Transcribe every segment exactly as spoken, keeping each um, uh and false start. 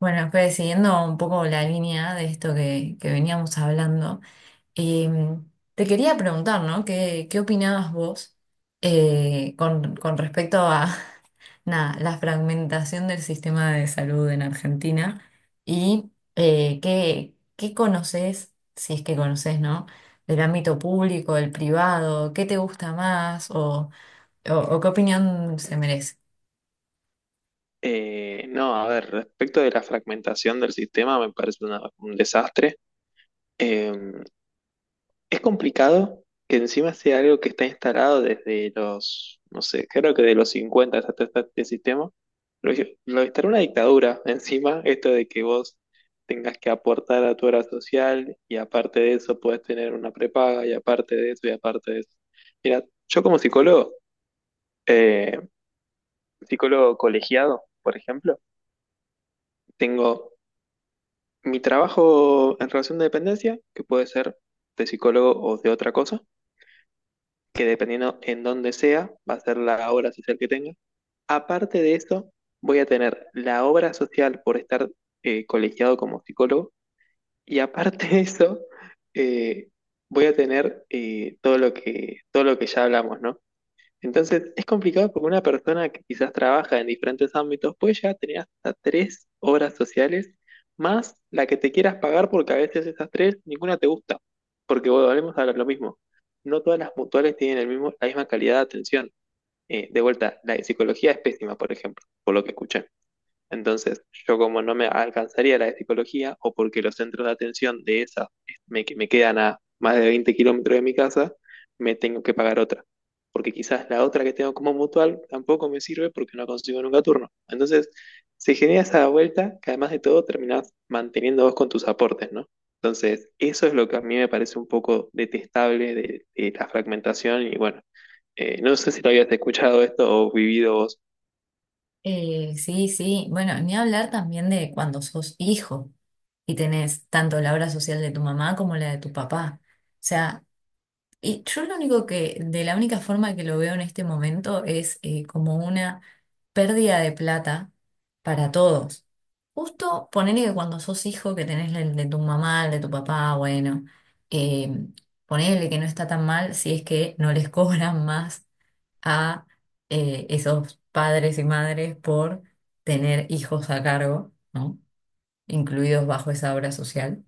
Bueno, pues siguiendo un poco la línea de esto que, que veníamos hablando, em, te quería preguntar, ¿no? ¿Qué, qué opinabas vos eh, con, con respecto a nada, la fragmentación del sistema de salud en Argentina y eh, qué, qué conoces, si es que conoces, ¿no? Del ámbito público, del privado, ¿qué te gusta más o, o o qué opinión se merece? Eh, no, a ver, respecto de la fragmentación del sistema, me parece una- un desastre. Eh, es complicado que encima sea algo que está instalado desde los, no sé, creo que de los cincuenta hasta este, este sistema. Lo, lo instaló una dictadura encima, esto de que vos tengas que aportar a tu hora social y aparte de eso puedes tener una prepaga y aparte de eso y aparte de eso. Mira, yo como psicólogo, eh, psicólogo colegiado, por ejemplo, tengo. Mi trabajo en relación de dependencia, que puede ser de psicólogo o de otra cosa, que dependiendo en dónde sea, va a ser la obra social que tenga. Aparte de eso, voy a tener la obra social por estar eh, colegiado como psicólogo, y aparte de eso, eh, voy a tener eh, todo lo que, todo lo que ya hablamos, ¿no? Entonces es complicado porque una persona que quizás trabaja en diferentes ámbitos puede llegar a tener hasta tres obras sociales, más la que te quieras pagar porque a veces esas tres ninguna te gusta. Porque bueno, volvemos a lo mismo. No todas las mutuales tienen el mismo, la misma calidad de atención. Eh, de vuelta, la de psicología es pésima, por ejemplo, por lo que escuché. Entonces, yo, como no me alcanzaría la de psicología, o porque los centros de atención de esa me, que- me quedan a más de veinte kilómetros de mi casa, me tengo que pagar otra. Porque quizás la otra que tengo como mutual tampoco me sirve porque no consigo nunca turno. Entonces, se genera esa vuelta que, además de todo, terminás manteniendo vos con tus aportes, ¿no? Entonces, eso es lo que a mí me parece un poco detestable de, de, la fragmentación y bueno, eh, no sé si lo habías escuchado esto o vivido vos. Eh, sí, sí. Bueno, ni hablar también de cuando sos hijo y tenés tanto la obra social de tu mamá como la de tu papá. O sea, y yo lo único que, de la única forma que lo veo en este momento es eh, como una pérdida de plata para todos. Justo ponele que cuando sos hijo que tenés el de tu mamá, el de tu papá, bueno, eh, ponele que no está tan mal si es que no les cobran más a eh, esos padres y madres por tener hijos a cargo, ¿no? Incluidos bajo esa obra social.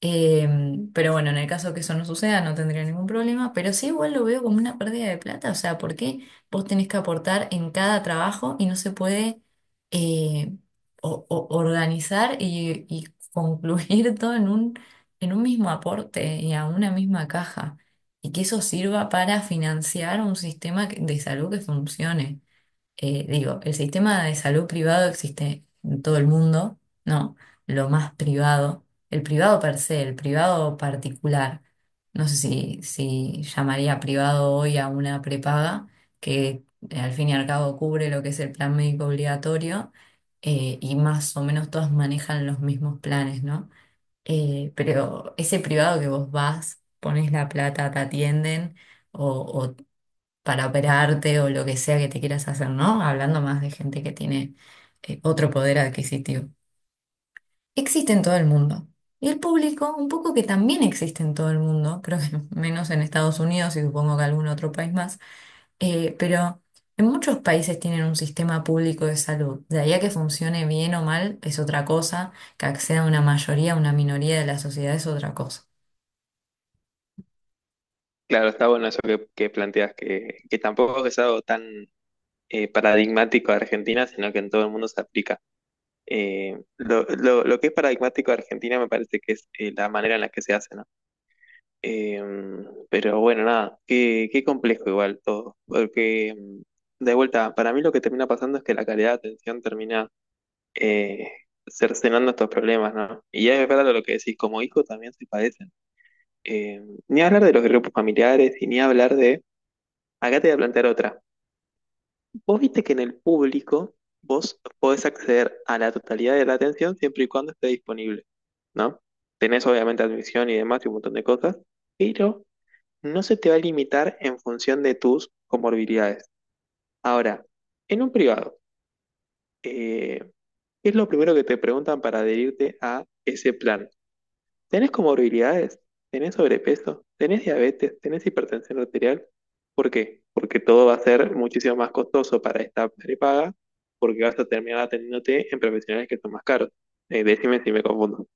Eh, pero bueno, en el caso que eso no suceda, no tendría ningún problema, pero sí igual lo veo como una pérdida de plata, o sea, ¿por qué vos tenés que aportar en cada trabajo y no se puede eh, o- o- organizar y, y concluir todo en un, en un mismo aporte y a una misma caja? Y que eso sirva para financiar un sistema que- de salud que funcione. Eh, digo, el sistema de salud privado existe en todo el mundo, ¿no? Lo más privado, el privado per se, el privado particular. No sé si, si llamaría privado hoy a una prepaga que eh, al fin y al cabo cubre lo que es el plan médico obligatorio. Eh, y más o menos todas manejan los mismos planes, ¿no? Eh, pero ese privado que vos vas, pones la plata, te atienden o para operarte o lo que sea que te quieras hacer, ¿no? Hablando más de gente que tiene eh, otro poder adquisitivo. Existe en todo el mundo. Y el público, un poco que también existe en todo el mundo, creo que menos en Estados Unidos y supongo que algún otro país más, eh, pero en muchos países tienen un sistema público de salud. De ahí a que funcione bien o mal es otra cosa, que acceda a una mayoría, a una minoría de la sociedad es otra cosa. Claro, está bueno eso que, que planteas, que, que tampoco es algo tan eh, paradigmático de Argentina, sino que en todo el mundo se aplica. Eh, lo, lo- lo que es paradigmático de Argentina me parece que es eh, la manera en la que se hace, ¿no? Eh, pero bueno, nada, qué, qué complejo igual todo, porque mm, de vuelta, para mí lo que termina pasando es que la calidad de atención termina eh, cercenando estos problemas, ¿no? Y es verdad lo que decís, como hijo también se padecen. Eh, ni hablar de los grupos familiares y ni hablar de. Acá te voy a plantear otra. Vos viste que en el público vos podés acceder a la totalidad de la atención siempre y cuando esté disponible, ¿no? Tenés obviamente admisión y demás y un montón de cosas, pero no se te va a limitar en función de tus comorbilidades. Ahora, en un privado, eh, ¿qué es lo primero que te preguntan para adherirte a ese plan? Tenés comorbilidades, tenés sobrepeso, tenés diabetes, tenés hipertensión arterial. ¿Por qué? Porque todo va a ser muchísimo más costoso para esta prepaga, porque vas a terminar atendiéndote en profesionales que son más caros. Eh, decime si me confundo.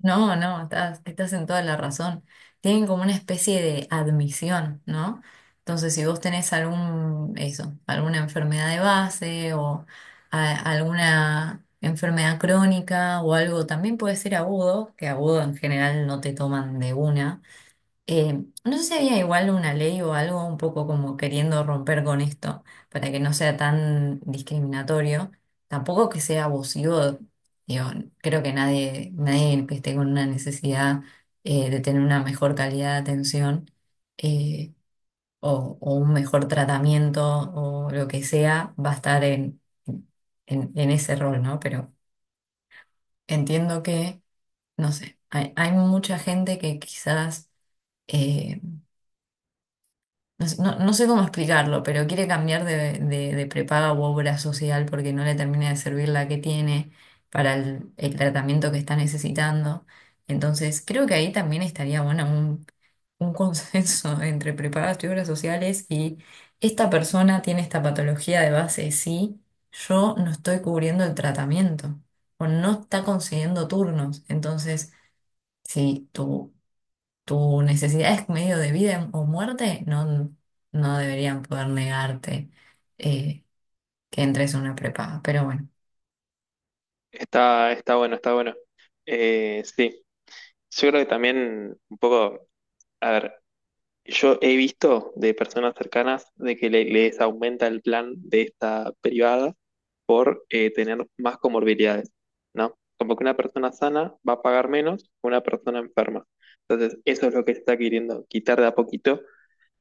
No, no, estás, estás en toda la razón. Tienen como una especie de admisión, ¿no? Entonces, si vos tenés algún, eso, alguna enfermedad de base o a- alguna enfermedad crónica o algo, también puede ser agudo, que agudo en general no te toman de una. Eh, no sé si había igual una ley o algo un poco como queriendo romper con esto para que no sea tan discriminatorio, tampoco que sea abusivo. Digo, creo que nadie, nadie que esté con una necesidad eh, de tener una mejor calidad de atención eh, o, o un mejor tratamiento o lo que sea va a estar en, en, en ese rol, ¿no? Pero entiendo que, no sé, hay, hay mucha gente que quizás eh, No, sé no- no sé cómo explicarlo, pero quiere cambiar de, de- de prepaga u obra social porque no le termina de servir la que tiene para el, el tratamiento que está necesitando. Entonces, creo que ahí también estaría bueno un, un consenso entre prepagas y obras sociales y esta persona tiene esta patología de base, sí, yo no estoy cubriendo el tratamiento o no está consiguiendo turnos. Entonces, si tu tu necesidad es medio de vida o muerte, no, no deberían poder negarte eh, que entres a una prepaga. Pero bueno, Está, está bueno, está bueno. Eh, sí, yo creo que también un poco, a ver, yo he visto de personas cercanas de que le- les aumenta el plan de esta privada por eh, tener más comorbilidades, ¿no? Como que una persona sana va a pagar menos que una persona enferma. Entonces, eso es lo que se está queriendo quitar de a poquito.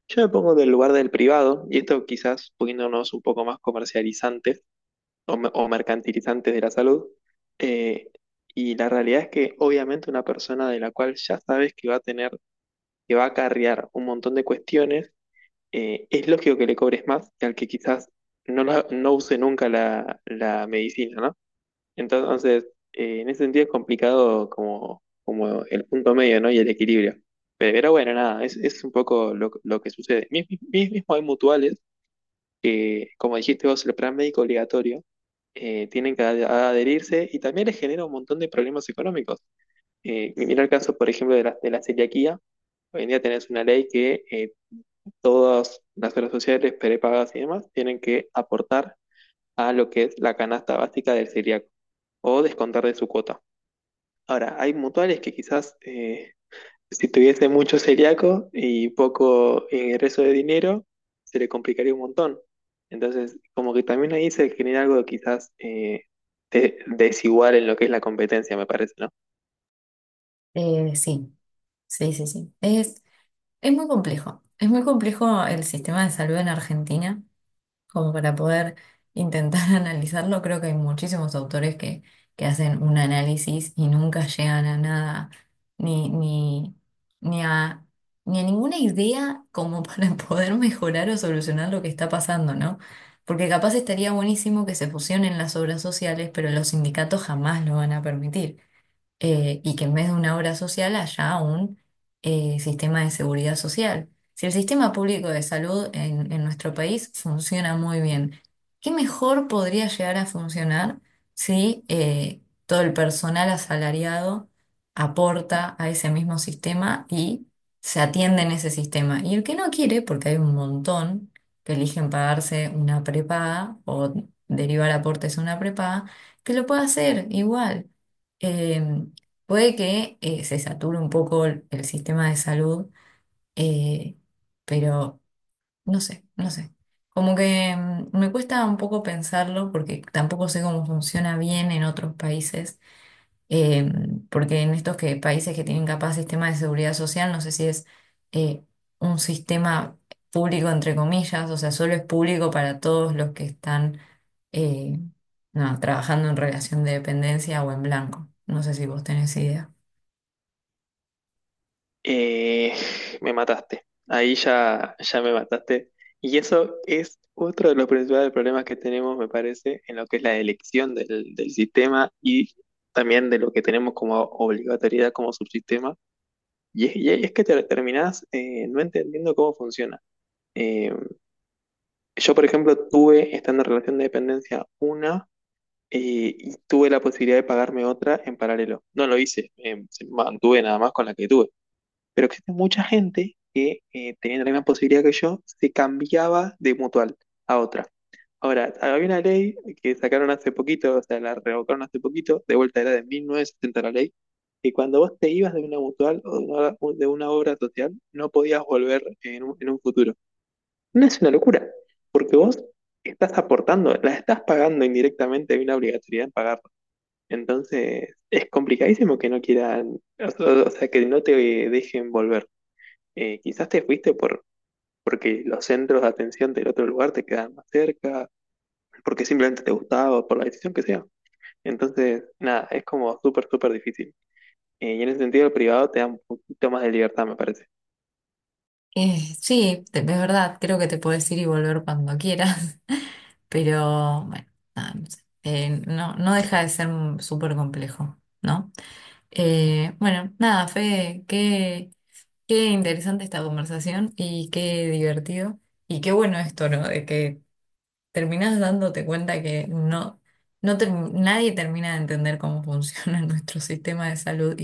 Yo me pongo del lugar del privado, y esto quizás poniéndonos un poco más comercializantes o, me- o mercantilizantes de la salud. eh, y la realidad es que obviamente una persona de la cual ya sabes que va a tener, que va a acarrear un montón de cuestiones, eh, es lógico que le cobres más que al que quizás no, la- no use nunca la, la medicina, ¿no? Entonces, eh, en ese sentido es complicado como, como, el punto medio, ¿no? Y el equilibrio. Pero bueno, nada, es, es, un poco lo, lo que sucede. Mis- mis- Mismo hay mutuales que, como dijiste vos, el plan médico obligatorio, eh, tienen que ad- adherirse, y también les genera un montón de problemas económicos. Eh, mira el caso, por ejemplo, de la, de la celiaquía. Hoy en día tenés una ley que eh, todas las obras sociales, prepagas y demás, tienen que aportar a lo que es la canasta básica del celíaco, o descontar de su cuota. Ahora, hay mutuales que quizás eh, si tuviese mucho celíaco y poco ingreso de dinero, se le complicaría un montón. Entonces, como que también ahí se genera algo quizás eh, de- desigual en lo que es la competencia, me parece, ¿no? eh, sí, sí, sí, sí. Es, es muy complejo. Es muy complejo el sistema de salud en Argentina, como para poder intentar analizarlo. Creo que hay muchísimos autores que, que hacen un análisis y nunca llegan a nada, ni, ni, ni a, ni a ninguna idea como para poder mejorar o solucionar lo que está pasando, ¿no? Porque capaz estaría buenísimo que se fusionen las obras sociales, pero los sindicatos jamás lo van a permitir eh, y que en vez de una obra social haya un eh, sistema de seguridad social. Si el sistema público de salud en, en nuestro país funciona muy bien, ¿qué mejor podría llegar a funcionar si eh, todo el personal asalariado aporta a ese mismo sistema y se atiende en ese sistema? Y el que no quiere, porque hay un montón que eligen pagarse una prepaga o derivar aportes a una prepaga, que lo pueda hacer igual. Em, Puede que eh, se sature un poco el, el sistema de salud, eh, pero no sé, no sé. Como que mm, me cuesta un poco pensarlo porque tampoco sé cómo funciona bien en otros países, eh, porque en estos que, países que tienen capaz sistema de seguridad social, no sé si es eh, un sistema público entre comillas, o sea, solo es público para todos los que están eh, no, trabajando en relación de dependencia o en blanco. No sé si vos tenés idea. Eh, me mataste. Ahí ya, ya me mataste. Y eso es otro de los principales problemas que tenemos, me parece, en lo que es la elección del, del sistema, y también de lo que tenemos como obligatoriedad como subsistema. Y es, y es que te terminás eh, no entendiendo cómo funciona. Eh, yo, por ejemplo, tuve, estando en relación de dependencia, una eh, y tuve la posibilidad de pagarme otra en paralelo. No lo hice, eh, mantuve nada más con la que tuve. Pero existe mucha gente que, eh, teniendo la misma posibilidad que yo, se cambiaba de mutual a otra. Ahora, había una ley que sacaron hace poquito, o sea, la revocaron hace poquito, de vuelta era de mil novecientos setenta la ley, que cuando vos te ibas de una mutual o de una, de una obra social, no podías volver en un, en un, futuro. No es una locura, porque vos estás aportando, la estás pagando indirectamente, hay una obligatoriedad en pagarlo. Entonces, es complicadísimo que no quieran, o o sea, que no te dejen volver. Eh, quizás te fuiste por, porque los centros de atención del otro lugar te quedan más cerca, porque simplemente te gustaba, o por la decisión que sea. Entonces, nada, es como súper, súper difícil. Eh, y en ese sentido, el privado te da un poquito más de libertad, me parece. Eh, sí, te- es verdad, creo que te puedes ir y volver cuando quieras, pero bueno, nada, no sé. Eh, no, no deja de ser un- súper complejo, ¿no? Eh, bueno, nada, Fede, qué, qué interesante esta conversación y qué divertido y qué bueno esto, ¿no? De que terminás dándote cuenta que no, no ter- nadie termina de entender cómo funciona nuestro sistema de salud.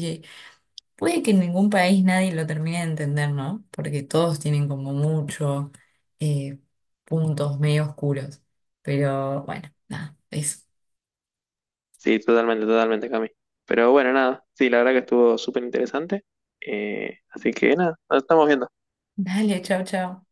Puede que en ningún país nadie lo termine de entender, ¿no? Porque todos tienen como muchos puntos medio oscuros. Pero bueno, nada, eso. Sí, totalmente, totalmente, Cami. Pero bueno, nada, sí, la verdad que estuvo súper interesante. Eh, así que nada, nos estamos viendo. Dale, chao, chao.